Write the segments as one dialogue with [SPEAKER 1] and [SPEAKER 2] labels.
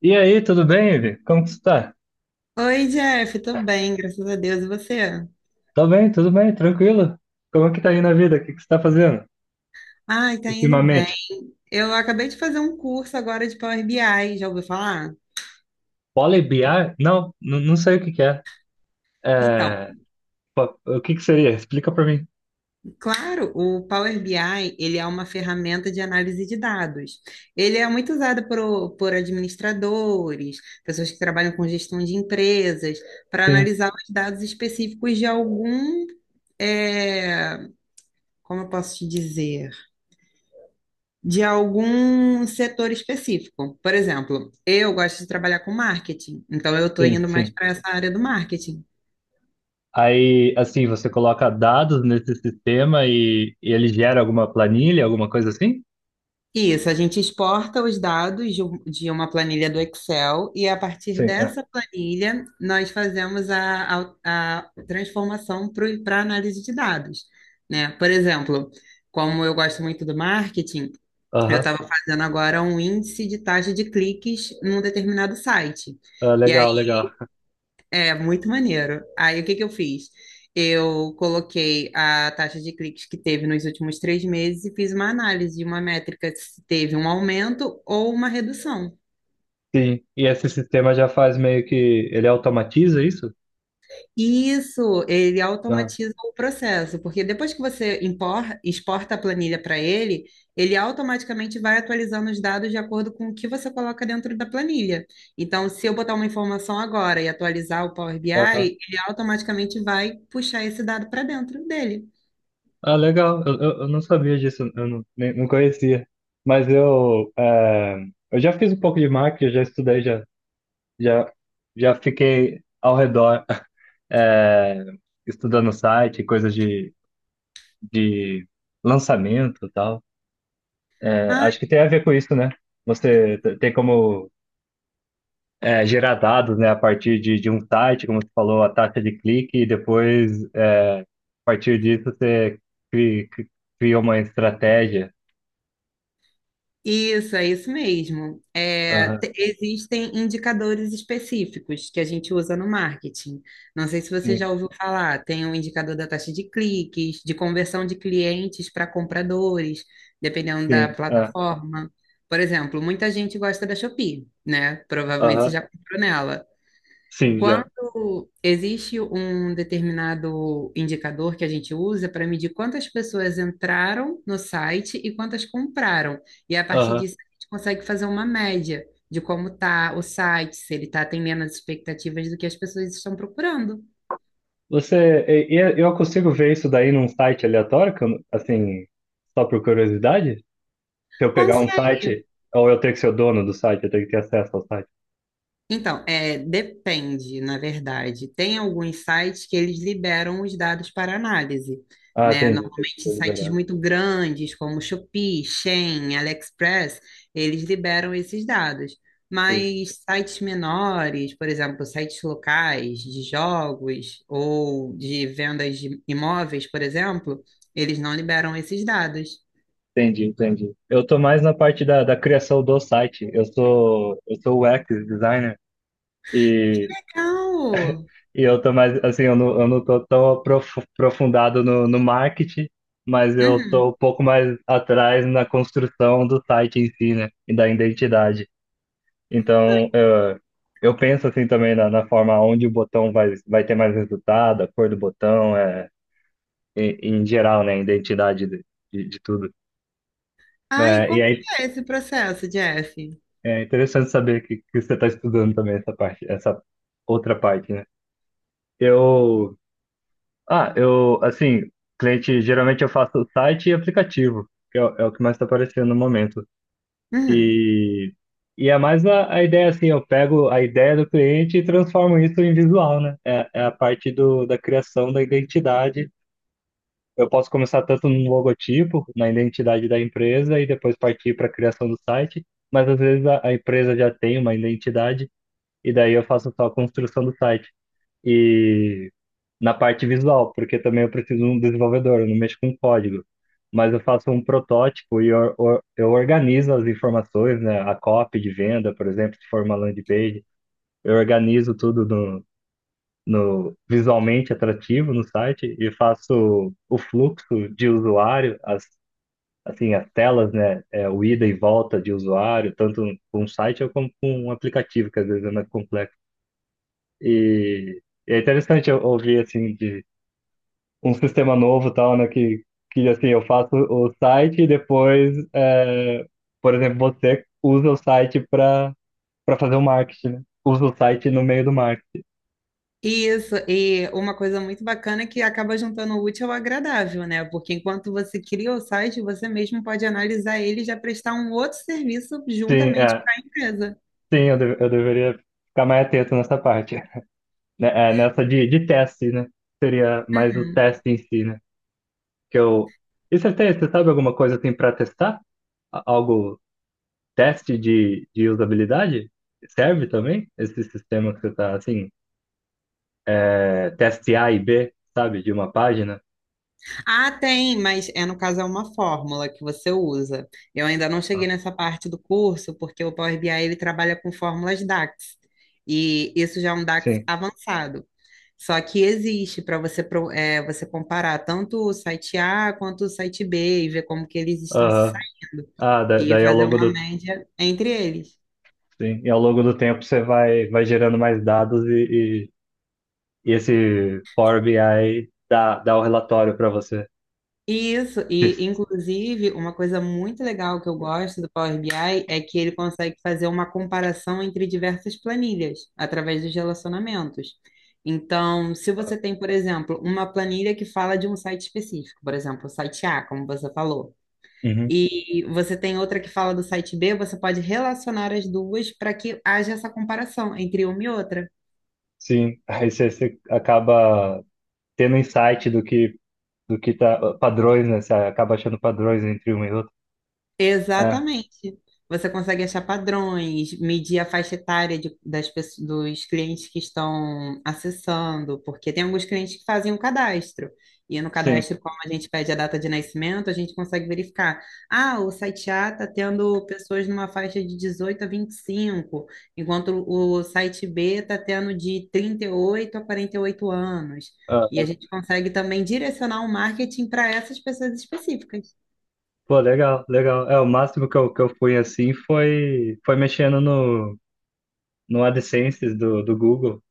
[SPEAKER 1] E aí, tudo bem, Ivi? Como que você tá?
[SPEAKER 2] Oi, Jeff, tô bem, graças a Deus. E você?
[SPEAKER 1] Tô bem, tudo bem, tranquilo. Como que tá aí na vida? O que que você tá fazendo
[SPEAKER 2] Ai, tá indo bem.
[SPEAKER 1] ultimamente?
[SPEAKER 2] Eu acabei de fazer um curso agora de Power BI, já ouviu falar?
[SPEAKER 1] Pole BI? Não, não sei o que que é.
[SPEAKER 2] Então,
[SPEAKER 1] É, o que que seria? Explica pra mim.
[SPEAKER 2] claro, o Power BI, ele é uma ferramenta de análise de dados. Ele é muito usado por administradores, pessoas que trabalham com gestão de empresas, para
[SPEAKER 1] Sim,
[SPEAKER 2] analisar os dados específicos de algum, eh, como eu posso te dizer? De algum setor específico. Por exemplo, eu gosto de trabalhar com marketing, então eu estou
[SPEAKER 1] sim,
[SPEAKER 2] indo mais
[SPEAKER 1] sim.
[SPEAKER 2] para essa área do marketing.
[SPEAKER 1] Aí, assim, você coloca dados nesse sistema e ele gera alguma planilha, alguma coisa assim?
[SPEAKER 2] E isso, a gente exporta os dados de uma planilha do Excel e a partir
[SPEAKER 1] Sim, é.
[SPEAKER 2] dessa planilha nós fazemos a transformação para análise de dados, né? Por exemplo, como eu gosto muito do marketing, eu
[SPEAKER 1] Aham.
[SPEAKER 2] estava fazendo agora um índice de taxa de cliques num determinado site.
[SPEAKER 1] Ah,
[SPEAKER 2] E aí,
[SPEAKER 1] legal, legal.
[SPEAKER 2] é muito maneiro. Aí o que que eu fiz? Eu coloquei a taxa de cliques que teve nos últimos 3 meses e fiz uma análise de uma métrica se teve um aumento ou uma redução.
[SPEAKER 1] Sim, e esse sistema já faz meio que... Ele automatiza isso?
[SPEAKER 2] E isso, ele
[SPEAKER 1] Aham.
[SPEAKER 2] automatiza o processo, porque depois que você exporta a planilha para ele, ele automaticamente vai atualizando os dados de acordo com o que você coloca dentro da planilha. Então, se eu botar uma informação agora e atualizar o Power BI,
[SPEAKER 1] aham.
[SPEAKER 2] ele automaticamente vai puxar esse dado para dentro dele.
[SPEAKER 1] Ah, legal. Eu não sabia disso, eu não, nem, não conhecia. Mas eu, eu já fiz um pouco de marketing, já estudei, já, já fiquei ao redor, é, estudando site, coisas de lançamento e tal. É, acho que tem a ver com isso, né? Tem como, gerar dados, né, a partir de um site, como você falou, a taxa de clique, e depois, a partir disso, você cri- cri- cria uma estratégia.
[SPEAKER 2] Isso, é isso mesmo. É,
[SPEAKER 1] Aham,
[SPEAKER 2] existem indicadores específicos que a gente usa no marketing. Não sei se você já
[SPEAKER 1] sim,
[SPEAKER 2] ouviu falar, tem o indicador da taxa de cliques, de conversão de clientes para compradores, dependendo da
[SPEAKER 1] sim.
[SPEAKER 2] plataforma. Por exemplo, muita gente gosta da Shopee, né? Provavelmente você
[SPEAKER 1] Aham,
[SPEAKER 2] já comprou nela.
[SPEAKER 1] sim, já.
[SPEAKER 2] Quando existe um determinado indicador que a gente usa para medir quantas pessoas entraram no site e quantas compraram. E a partir
[SPEAKER 1] Aham.
[SPEAKER 2] disso a gente consegue fazer uma média de como está o site, se ele está atendendo as expectativas do que as pessoas estão procurando.
[SPEAKER 1] Você, e- é, eu consigo ver isso daí num site aleatório, que eu não- assim, só por curiosidade? Se eu pegar um
[SPEAKER 2] Consegue.
[SPEAKER 1] site, ou eu tenho que ser o dono do site, eu tenho que ter acesso ao site.
[SPEAKER 2] Então, é, depende, na verdade. Tem alguns sites que eles liberam os dados para análise,
[SPEAKER 1] Ah,
[SPEAKER 2] né?
[SPEAKER 1] entendi, tem que
[SPEAKER 2] Normalmente
[SPEAKER 1] ser
[SPEAKER 2] sites
[SPEAKER 1] liberado.
[SPEAKER 2] muito grandes, como Shopee, Shein, AliExpress, eles liberam esses dados.
[SPEAKER 1] Sim,
[SPEAKER 2] Mas sites menores, por exemplo, sites locais de jogos ou de vendas de imóveis, por exemplo, eles não liberam esses dados.
[SPEAKER 1] entendi, entendi. Eu tô mais na parte da criação do site. Eu sou UX designer.
[SPEAKER 2] Legal!
[SPEAKER 1] E eu tô mais, assim, eu não tô tão aprofundado no marketing, mas eu
[SPEAKER 2] Uhum.
[SPEAKER 1] tô um pouco mais atrás na construção do site em si, né? E da identidade. Então, eu penso, assim, também na forma onde o botão vai ter mais resultado, a cor do botão, em, em geral, né? A identidade de tudo.
[SPEAKER 2] Ah, e
[SPEAKER 1] É, e
[SPEAKER 2] como
[SPEAKER 1] aí,
[SPEAKER 2] que é esse processo, Jeff?
[SPEAKER 1] é interessante saber que você tá estudando também essa parte, essa outra parte, né? Eu... Ah, eu, assim, cliente, geralmente eu faço site e aplicativo, que é, o é o que mais está aparecendo no momento.
[SPEAKER 2] Uhum.
[SPEAKER 1] E, e é mais a ideia, assim, eu pego a ideia do cliente e transformo isso em visual, né? É, é a parte da criação da identidade. Eu posso começar tanto no logotipo, na identidade da empresa, e depois partir para a criação do site, mas às vezes a empresa já tem uma identidade, e daí eu faço só a construção do site e na parte visual, porque também eu preciso de um desenvolvedor, eu não mexo com código. Mas eu faço um protótipo e eu organizo as informações, né? A copy de venda, por exemplo, se for uma landing page, eu organizo tudo no, no visualmente atrativo no site e faço o fluxo de usuário, as, assim, as telas, né? É, o ida e volta de usuário, tanto com um site como com um aplicativo, que às vezes é mais complexo. E é interessante eu ouvir, assim, de um sistema novo e tal, né? Que assim, eu faço o site e depois, é, por exemplo, você usa o site para para fazer o marketing, né? Usa o site no meio do marketing.
[SPEAKER 2] Isso, e uma coisa muito bacana é que acaba juntando o útil ao agradável, né? Porque enquanto você cria o site, você mesmo pode analisar ele e já prestar um outro serviço
[SPEAKER 1] Sim,
[SPEAKER 2] juntamente
[SPEAKER 1] é,
[SPEAKER 2] para a empresa.
[SPEAKER 1] sim, eu deveria ficar mais atento nessa parte, né? É, nessa de teste, né? Seria mais o teste em si, né? Que eu... E você tem, você sabe alguma coisa assim para testar? Algo, teste de usabilidade? Serve também esse sistema que você está assim? É, teste A e B, sabe, de uma página.
[SPEAKER 2] Ah, tem, mas é no caso é uma fórmula que você usa. Eu ainda não cheguei
[SPEAKER 1] Ah,
[SPEAKER 2] nessa parte do curso, porque o Power BI ele trabalha com fórmulas DAX. E isso já é um DAX
[SPEAKER 1] Sim.
[SPEAKER 2] avançado. Só que existe para você, você comparar tanto o site A quanto o site B e ver como que eles estão se
[SPEAKER 1] Aham.
[SPEAKER 2] saindo
[SPEAKER 1] Ah,
[SPEAKER 2] e
[SPEAKER 1] daí ao
[SPEAKER 2] fazer
[SPEAKER 1] longo
[SPEAKER 2] uma
[SPEAKER 1] do,
[SPEAKER 2] média entre eles.
[SPEAKER 1] sim, e ao longo do tempo você vai, vai gerando mais dados e esse Power BI dá, dá o relatório para você.
[SPEAKER 2] Isso, e inclusive uma coisa muito legal que eu gosto do Power BI é que ele consegue fazer uma comparação entre diversas planilhas através dos relacionamentos. Então, se você tem, por exemplo, uma planilha que fala de um site específico, por exemplo, o site A, como você falou,
[SPEAKER 1] Uhum.
[SPEAKER 2] e você tem outra que fala do site B, você pode relacionar as duas para que haja essa comparação entre uma e outra.
[SPEAKER 1] Sim, aí você, você acaba tendo insight do que tá, padrões, né? Você acaba achando padrões entre um e outro. É,
[SPEAKER 2] Exatamente. Você consegue achar padrões, medir a faixa etária das pessoas, dos clientes que estão acessando, porque tem alguns clientes que fazem um cadastro. E no
[SPEAKER 1] sim.
[SPEAKER 2] cadastro, como a gente pede a data de nascimento, a gente consegue verificar. Ah, o site A está tendo pessoas numa faixa de 18 a 25, enquanto o site B está tendo de 38 a 48 anos.
[SPEAKER 1] Ah,
[SPEAKER 2] E a gente consegue também direcionar o marketing para essas pessoas específicas.
[SPEAKER 1] pô, legal, legal. É, o máximo que eu fui assim foi, foi mexendo no. No AdSense do, do Google,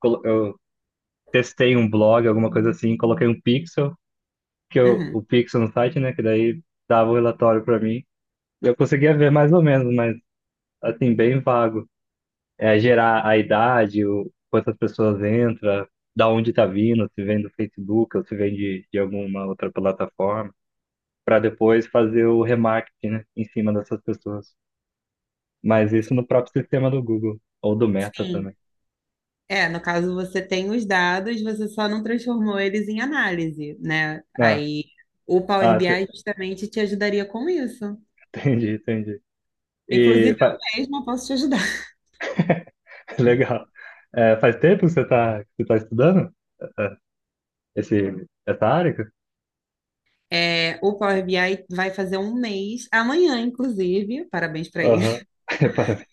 [SPEAKER 1] eu testei um blog, alguma coisa assim, coloquei um pixel,
[SPEAKER 2] Uhum.
[SPEAKER 1] o pixel no site, né, que daí dava o relatório para mim. Eu conseguia ver mais ou menos, mas assim, bem vago. É gerar a idade, quantas pessoas entram, da onde tá vindo, se vem do Facebook ou se vem de alguma outra plataforma, para depois fazer o remarketing, né, em cima dessas pessoas. Mas isso no próprio sistema do Google, ou do Meta
[SPEAKER 2] Sim.
[SPEAKER 1] também.
[SPEAKER 2] É, no caso você tem os dados, você só não transformou eles em análise, né?
[SPEAKER 1] Ah,
[SPEAKER 2] Aí o Power
[SPEAKER 1] ah, te-
[SPEAKER 2] BI justamente te ajudaria com isso.
[SPEAKER 1] entendi, entendi. E
[SPEAKER 2] Inclusive eu
[SPEAKER 1] fa-
[SPEAKER 2] mesma posso te ajudar.
[SPEAKER 1] legal. É, faz tempo que você tá estudando é, esse, essa área?
[SPEAKER 2] É, o Power BI vai fazer um mês, amanhã inclusive, parabéns para ele.
[SPEAKER 1] Aham. Parabéns,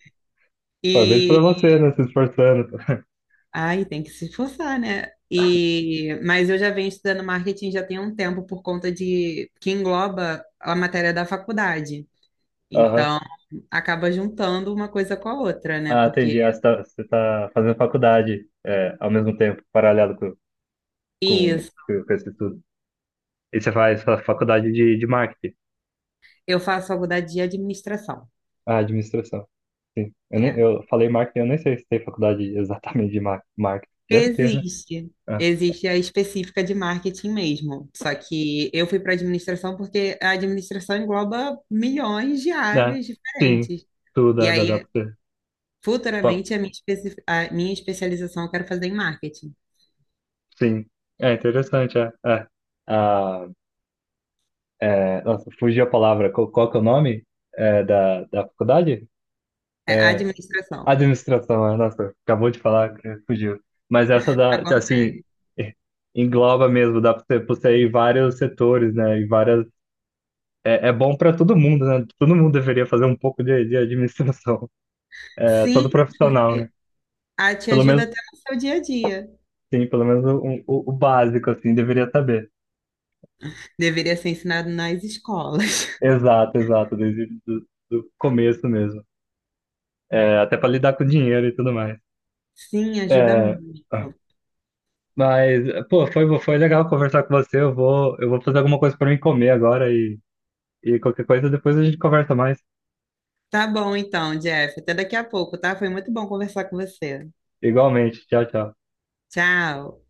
[SPEAKER 1] parabéns
[SPEAKER 2] E
[SPEAKER 1] para você, né? Se esforçando.
[SPEAKER 2] ai, tem que se esforçar, né? E mas eu já venho estudando marketing já tem um tempo por conta de que engloba a matéria da faculdade.
[SPEAKER 1] Aham.
[SPEAKER 2] Então, acaba juntando uma coisa com a outra, né?
[SPEAKER 1] Ah,
[SPEAKER 2] Porque
[SPEAKER 1] entendi. Ah, você tá fazendo faculdade é, ao mesmo tempo, paralelo
[SPEAKER 2] isso,
[SPEAKER 1] com esse estudo. E você faz faculdade de marketing.
[SPEAKER 2] eu faço faculdade de administração.
[SPEAKER 1] Ah, administração. Sim.
[SPEAKER 2] É.
[SPEAKER 1] Eu falei marketing, eu nem sei se tem faculdade exatamente de marketing. Deve ter, né?
[SPEAKER 2] Existe.
[SPEAKER 1] Ah,
[SPEAKER 2] Existe a específica de marketing mesmo. Só que eu fui para administração porque a administração engloba milhões de
[SPEAKER 1] né?
[SPEAKER 2] áreas
[SPEAKER 1] Sim.
[SPEAKER 2] diferentes.
[SPEAKER 1] Tudo,
[SPEAKER 2] E
[SPEAKER 1] dá
[SPEAKER 2] aí,
[SPEAKER 1] pra você.
[SPEAKER 2] futuramente, a minha especialização eu quero fazer em marketing.
[SPEAKER 1] Sim. É interessante, é. É. Ah, é, nossa, fugiu a palavra. Qual, qual que é o nome da, da faculdade?
[SPEAKER 2] É
[SPEAKER 1] É,
[SPEAKER 2] administração.
[SPEAKER 1] administração, é. Nossa, acabou de falar que fugiu. Mas essa da,
[SPEAKER 2] Acontece.
[SPEAKER 1] assim, engloba mesmo, dá para você, pra você ir vários setores, né? E várias. É, é bom para todo mundo, né? Todo mundo deveria fazer um pouco de administração. É,
[SPEAKER 2] Sim,
[SPEAKER 1] todo profissional, né?
[SPEAKER 2] porque a te
[SPEAKER 1] Pelo
[SPEAKER 2] ajuda
[SPEAKER 1] menos,
[SPEAKER 2] até no seu dia a dia.
[SPEAKER 1] sim, pelo menos o básico, assim, deveria saber.
[SPEAKER 2] Deveria ser ensinado nas escolas.
[SPEAKER 1] Exato, exato, desde do começo mesmo. É, até para lidar com dinheiro e tudo mais.
[SPEAKER 2] Sim, ajuda
[SPEAKER 1] É, tá.
[SPEAKER 2] muito.
[SPEAKER 1] Mas, foi legal conversar com você. Eu vou fazer alguma coisa para mim comer agora e qualquer coisa depois a gente conversa mais.
[SPEAKER 2] Tá bom então, Jeff. Até daqui a pouco, tá? Foi muito bom conversar com você.
[SPEAKER 1] Igualmente. Tchau, tchau.
[SPEAKER 2] Tchau.